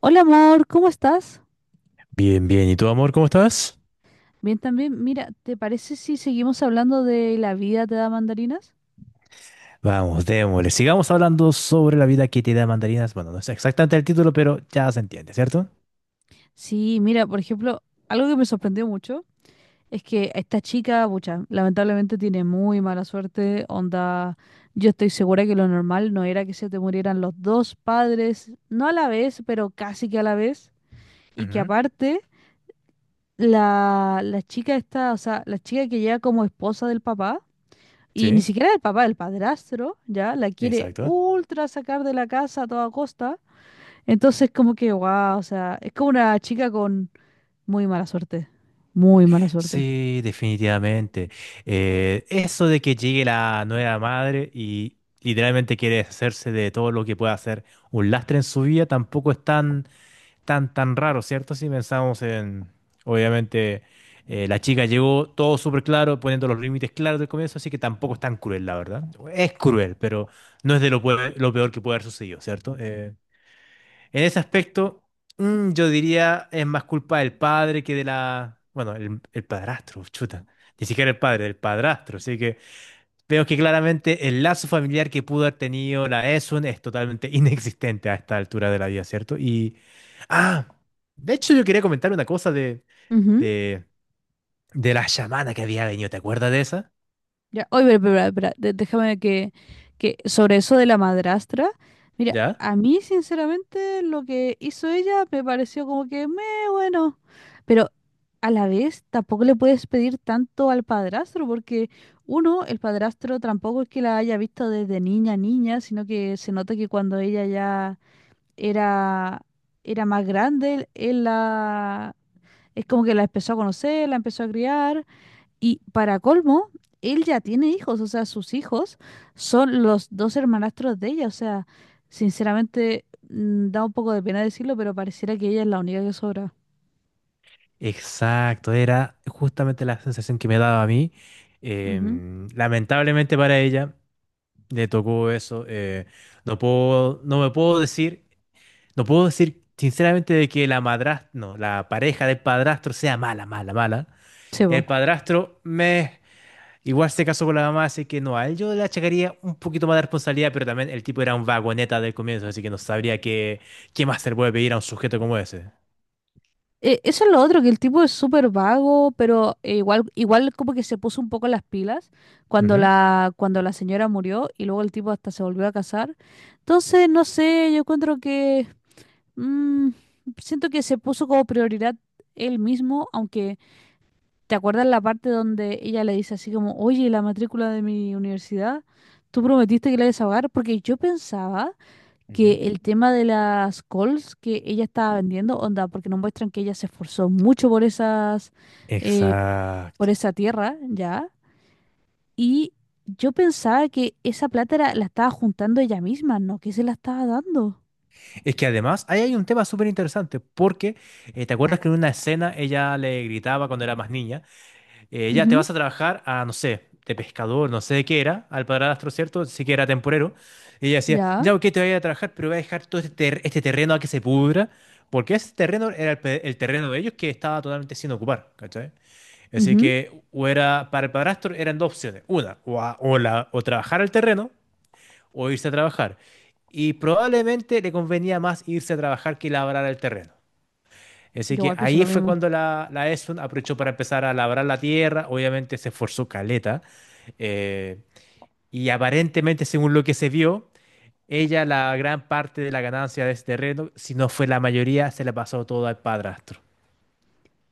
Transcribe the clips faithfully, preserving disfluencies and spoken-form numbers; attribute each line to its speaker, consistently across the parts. Speaker 1: Hola amor, ¿cómo estás?
Speaker 2: Bien, bien. ¿Y tú, amor, cómo estás?
Speaker 1: Bien también. Mira, ¿te parece si seguimos hablando de la vida te da mandarinas?
Speaker 2: Vamos, démosle. Sigamos hablando sobre la vida que te da mandarinas. Bueno, no es exactamente el título, pero ya se entiende, ¿cierto?
Speaker 1: Sí, mira, por ejemplo, algo que me sorprendió mucho es que esta chica, pucha, lamentablemente tiene muy mala suerte, onda, yo estoy segura que lo normal no era que se te murieran los dos padres, no a la vez, pero casi que a la vez, y que
Speaker 2: Ujú.
Speaker 1: aparte la, la chica esta, o sea, la chica que llega como esposa del papá, y ni
Speaker 2: Sí,
Speaker 1: siquiera el papá, el padrastro, ya la quiere
Speaker 2: exacto.
Speaker 1: ultra sacar de la casa a toda costa. Entonces, como que, wow, o sea, es como una chica con muy mala suerte. Muy mala suerte.
Speaker 2: Sí, definitivamente. Eh, eso de que llegue la nueva madre y literalmente quiere deshacerse de todo lo que pueda hacer un lastre en su vida, tampoco es tan, tan, tan raro, ¿cierto? Si pensamos en, obviamente, eh, la chica llegó todo súper claro, poniendo los límites claros del comienzo, así que tampoco es tan cruel, la verdad. Es cruel, pero no es de lo, pue- lo peor que puede haber sucedido, ¿cierto? Eh, en ese aspecto, mm, yo diría es más culpa del padre que de la... Bueno, el, el padrastro, chuta. Ni siquiera el padre, del padrastro. Así que veo que claramente el lazo familiar que pudo haber tenido la Esun es totalmente inexistente a esta altura de la vida, ¿cierto? Y, ah, de hecho yo quería comentar una cosa de, de, de la chamana que había venido, ¿te acuerdas de esa?
Speaker 1: Ya, oye, pero, pero, pero, pero, de- déjame que, que sobre eso de la madrastra, mira,
Speaker 2: ¿Ya?
Speaker 1: a mí sinceramente lo que hizo ella me pareció como que me bueno, pero a la vez tampoco le puedes pedir tanto al padrastro porque uno, el padrastro tampoco es que la haya visto desde niña a niña, sino que se nota que cuando ella ya era era más grande, él él la es como que la empezó a conocer, la empezó a criar. Y para colmo, él ya tiene hijos, o sea, sus hijos son los dos hermanastros de ella, o sea, sinceramente mm, da un poco de pena decirlo, pero pareciera que ella es la única que sobra.
Speaker 2: Exacto, era justamente la sensación que me daba a mí.
Speaker 1: Ujú.
Speaker 2: Em, lamentablemente para ella le tocó eso. eh, no puedo, no me puedo decir, no puedo decir sinceramente de que la madrastra, no, la pareja del padrastro sea mala, mala, mala.
Speaker 1: Sí, po.
Speaker 2: El padrastro, me igual se casó con la mamá, así que no, a él yo le achacaría un poquito más de responsabilidad, pero también el tipo era un vagoneta del comienzo, así que no sabría qué, qué más se le puede pedir a un sujeto como ese.
Speaker 1: Eh, eso es lo otro, que el tipo es súper vago, pero eh, igual, igual como que se puso un poco las pilas cuando
Speaker 2: Ujú.
Speaker 1: la, cuando la señora murió y luego el tipo hasta se volvió a casar. Entonces, no sé, yo encuentro que mm, siento que se puso como prioridad él mismo, aunque ¿te acuerdas la parte donde ella le dice así como, oye, la matrícula de mi universidad, tú prometiste que la ibas a pagar? Porque yo pensaba
Speaker 2: Ujú.
Speaker 1: que el tema de las calls que ella estaba vendiendo, onda, porque nos muestran que ella se esforzó mucho por esas, eh, por
Speaker 2: Exacto.
Speaker 1: esa tierra, ¿ya? Y yo pensaba que esa plata era- la estaba juntando ella misma, ¿no? Que se la estaba dando.
Speaker 2: Es que además ahí hay un tema súper interesante, porque eh, ¿te acuerdas que en una escena ella le gritaba cuando era más niña? Eh, ya te
Speaker 1: Ujú,
Speaker 2: vas a trabajar a, no sé, de pescador, no sé de qué era, al padrastro, ¿cierto? Sí que era temporero. Y ella decía,
Speaker 1: ya.
Speaker 2: ya, ok, te voy a trabajar, pero voy a dejar todo este, ter- este terreno a que se pudra, porque ese terreno era el, pe- el terreno de ellos que estaba totalmente sin ocupar, ¿cachai? Así
Speaker 1: Ujú.
Speaker 2: que o era, para el padrastro eran dos opciones. Una, o, a- o la, o trabajar el terreno o irse a trabajar. Y probablemente le convenía más irse a trabajar que labrar el terreno. Así
Speaker 1: Yo
Speaker 2: que
Speaker 1: igual pienso
Speaker 2: ahí
Speaker 1: lo
Speaker 2: fue
Speaker 1: mismo.
Speaker 2: cuando la, la ESUN aprovechó para empezar a labrar la tierra, obviamente se esforzó caleta, eh, y aparentemente, según lo que se vio, ella la gran parte de la ganancia de ese terreno, si no fue la mayoría, se la pasó todo al padrastro.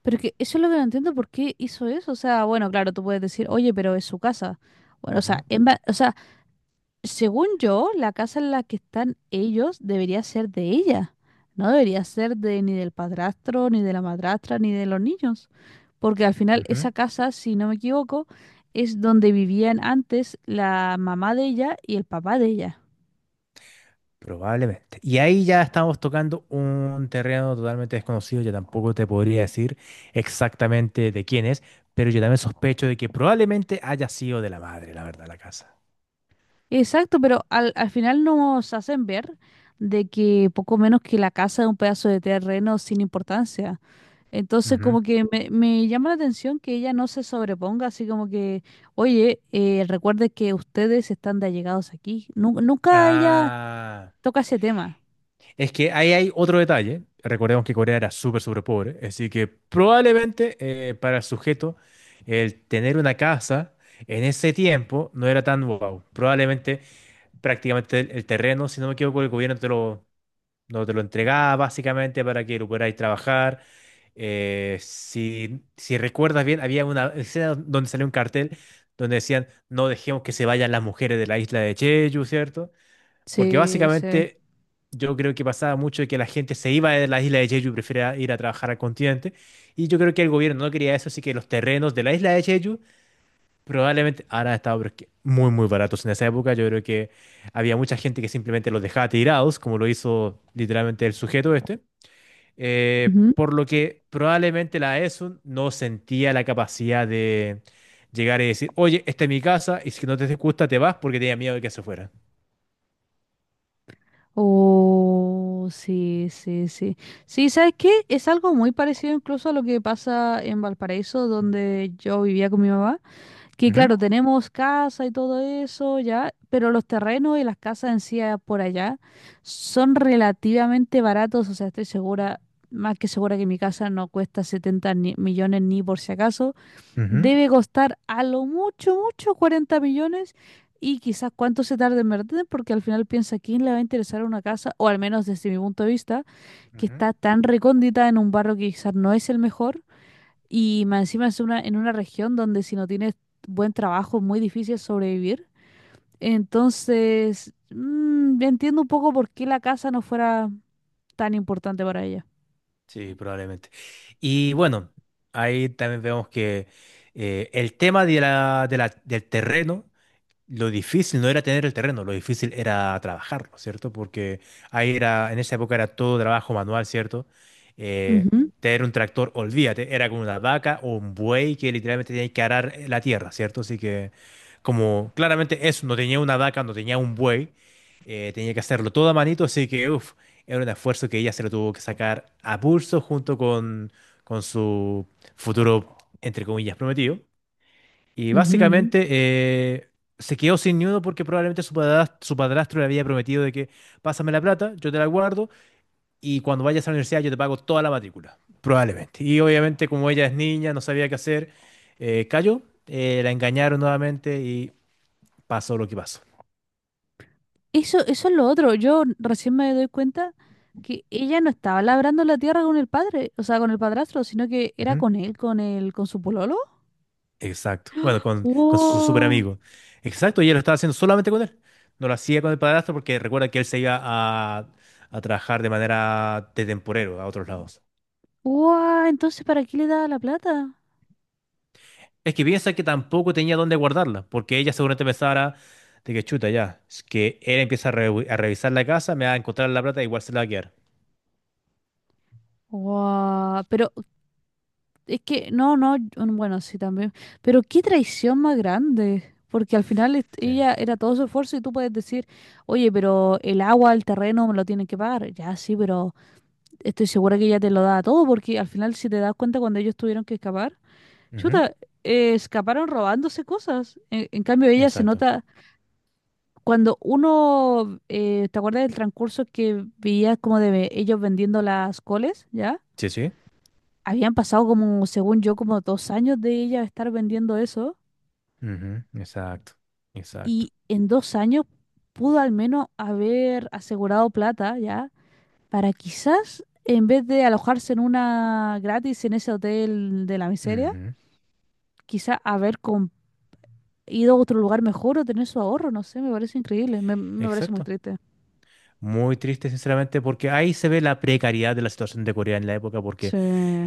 Speaker 1: Pero que eso es lo que no entiendo, ¿por qué hizo eso? O sea, bueno, claro, tú puedes decir, oye, pero es su casa. Bueno, o sea,
Speaker 2: Ujú,
Speaker 1: en va- o sea, según yo, la casa en la que están ellos debería ser de ella. No debería ser de ni del padrastro, ni de la madrastra, ni de los niños. Porque al final
Speaker 2: ujú.
Speaker 1: esa casa, si no me equivoco, es donde vivían antes la mamá de ella y el papá de ella.
Speaker 2: Probablemente. Y ahí ya estamos tocando un terreno totalmente desconocido, yo tampoco te podría decir exactamente de quién es, pero yo también sospecho de que probablemente haya sido de la madre, la verdad, la casa.
Speaker 1: Exacto, pero al, al final nos hacen ver de que poco menos que la casa es un pedazo de terreno sin importancia. Entonces,
Speaker 2: Ujú.
Speaker 1: como que me, me llama la atención que ella no se sobreponga, así como que, oye, eh, recuerde que ustedes están de allegados aquí. Nu- nunca ella
Speaker 2: Ah.
Speaker 1: toca ese tema.
Speaker 2: Es que ahí hay otro detalle. Recordemos que Corea era súper, súper pobre, así que probablemente eh, para el sujeto el tener una casa en ese tiempo no era tan wow. Probablemente prácticamente el, el terreno, si no me equivoco, el gobierno te lo, no te lo entregaba básicamente para que lo pudierais trabajar. Eh, si, si recuerdas bien, había una escena donde salió un cartel donde decían no dejemos que se vayan las mujeres de la isla de Jeju, ¿cierto? Porque
Speaker 1: Sí, sí.
Speaker 2: básicamente yo creo que pasaba mucho de que la gente se iba de la isla de Jeju y prefería ir a trabajar al continente. Y yo creo que el gobierno no quería eso, así que los terrenos de la isla de Jeju probablemente ahora han estado pero es que muy, muy baratos en esa época. Yo creo que había mucha gente que simplemente los dejaba tirados, como lo hizo literalmente el sujeto este. Eh,
Speaker 1: Ujú.
Speaker 2: por lo que probablemente la ESUN no sentía la capacidad de llegar y decir, oye, esta es mi casa y si no te gusta te vas porque tenía miedo de que se fuera.
Speaker 1: Oh, sí, sí, sí. Sí, ¿sabes qué? Es algo muy parecido incluso a lo que pasa en Valparaíso, donde yo vivía con mi mamá. Que
Speaker 2: Ujú,
Speaker 1: claro, tenemos casa y todo eso, ya, pero los terrenos y las casas en sí ah, por allá son relativamente baratos, o sea, estoy segura, más que segura que mi casa no cuesta setenta ni- millones ni por si acaso,
Speaker 2: ujú,
Speaker 1: debe costar a lo mucho, mucho cuarenta millones y quizás cuánto se tarde en vender, porque al final piensa quién le va a interesar una casa, o al menos desde mi punto de vista, que
Speaker 2: ujú.
Speaker 1: está tan recóndita en un barrio que quizás no es el mejor y más encima es una, en una región donde si no tienes buen trabajo es muy difícil sobrevivir. Entonces, mm, entiendo un poco por qué la casa no fuera tan importante para ella.
Speaker 2: Sí, probablemente. Y bueno, ahí también vemos que eh, el tema de la, de la- del terreno lo difícil no era tener el terreno, lo difícil era trabajarlo, ¿cierto? Porque ahí era, en esa época era todo trabajo manual, ¿cierto? Eh,
Speaker 1: Ujú,
Speaker 2: Tener un tractor, olvídate, era como una vaca o un buey que literalmente tenía que arar la tierra, ¿cierto? Así que como claramente eso, no tenía una vaca, no tenía un buey, eh, tenía que hacerlo todo a manito, así que uf, era un esfuerzo que ella se lo tuvo que sacar a pulso junto con, con su futuro, entre comillas, prometido. Y
Speaker 1: ujú,
Speaker 2: básicamente
Speaker 1: ujú.
Speaker 2: eh, se quedó sin ni uno porque probablemente su padrastro, su padrastro le había prometido de que pásame la plata, yo te la guardo y cuando vayas a la universidad yo te pago toda la matrícula, probablemente. Y obviamente como ella es niña, no sabía qué hacer, eh, cayó, eh, la engañaron nuevamente y pasó lo que pasó.
Speaker 1: Eso, eso es lo otro. Yo recién me doy cuenta que ella no estaba labrando la tierra con el padre, o sea, con el padrastro, sino que era
Speaker 2: Ujú.
Speaker 1: con él, con el, con su pololo.
Speaker 2: Exacto. Bueno, con, con su super
Speaker 1: Wow,
Speaker 2: amigo. Exacto, y ella lo estaba haciendo solamente con él. No lo hacía con el padrastro porque recuerda que él se iba a, a trabajar de manera de temporero a otros lados.
Speaker 1: wow, entonces ¿para qué le daba la plata?
Speaker 2: Es que piensa que tampoco tenía dónde guardarla, porque ella seguramente pensara de que chuta ya, es que él empieza a, revi- a revisar la casa, me va a encontrar la plata, igual se la va a quedar.
Speaker 1: Wow, pero es que, no, no, mm, bueno, sí también. Pero qué traición más grande. Porque al final est-
Speaker 2: Sí.
Speaker 1: ella era todo su esfuerzo y tú puedes decir, oye, pero el agua, el terreno me lo tienen que pagar. Ya sí, pero estoy segura que ella te lo da todo, porque al final si te das cuenta cuando ellos tuvieron que escapar,
Speaker 2: Ujú,
Speaker 1: chuta, eh, escaparon robándose cosas. En, en cambio ella se
Speaker 2: exacto.
Speaker 1: nota cuando uno, eh, ¿te acuerdas del transcurso que veía como de ellos vendiendo las coles, ya?
Speaker 2: Sí, sí.
Speaker 1: Habían pasado como, según yo, como dos años de ella estar vendiendo eso
Speaker 2: Ujú, exacto. Exacto.
Speaker 1: y en dos años pudo al menos haber asegurado plata ya para quizás, en vez de alojarse en una gratis en ese hotel de la miseria,
Speaker 2: Ujú,
Speaker 1: quizás haber com- ido a otro lugar mejor o tener su ahorro, no sé, me parece increíble, me, me parece muy
Speaker 2: exacto.
Speaker 1: triste.
Speaker 2: Muy triste, sinceramente, porque ahí se ve la precariedad de la situación de Corea en la época.
Speaker 1: Sí.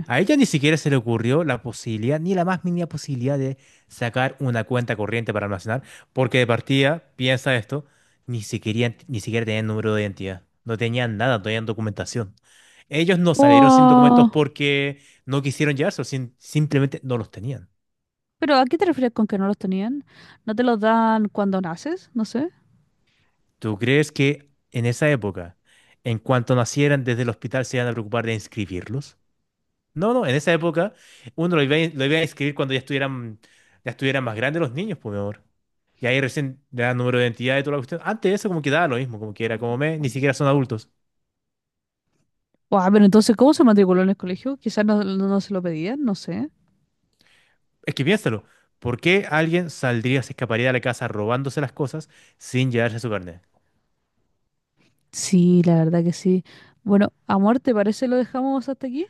Speaker 2: A ella ni siquiera se le ocurrió la posibilidad, ni la más mínima posibilidad de sacar una cuenta corriente para almacenar, porque de partida, piensa esto, ni siquiera, ni siquiera tenían número de identidad, no tenían nada, no tenían documentación. Ellos no salieron sin documentos
Speaker 1: Wow.
Speaker 2: porque no quisieron llevarse, simplemente no los tenían.
Speaker 1: ¿Pero a qué te refieres con que no los tenían? ¿No te los dan cuando naces? No sé.
Speaker 2: ¿Tú crees que en esa época, en cuanto nacieran desde el hospital, se iban a preocupar de inscribirlos? No, no, en esa época uno lo iba, a- lo iba a inscribir cuando ya estuvieran, ya estuvieran más grandes los niños, por mi. Y ahí recién le dan número de identidad y toda la cuestión. Antes de eso como que daba lo mismo, como que era como me, ni siquiera son adultos.
Speaker 1: O, ah, pero entonces, ¿cómo se matriculó en el colegio? Quizás no, no- no se lo pedían, no sé.
Speaker 2: Es que piénsalo, ¿por qué alguien saldría, se escaparía de la casa robándose las cosas sin llevarse su carnet?
Speaker 1: Sí, la verdad que sí. Bueno, amor, ¿te parece lo dejamos hasta aquí?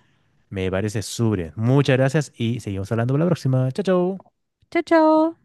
Speaker 2: Me parece súper bien. Muchas gracias y seguimos hablando para la próxima. Chao, chao.
Speaker 1: Chao, chao.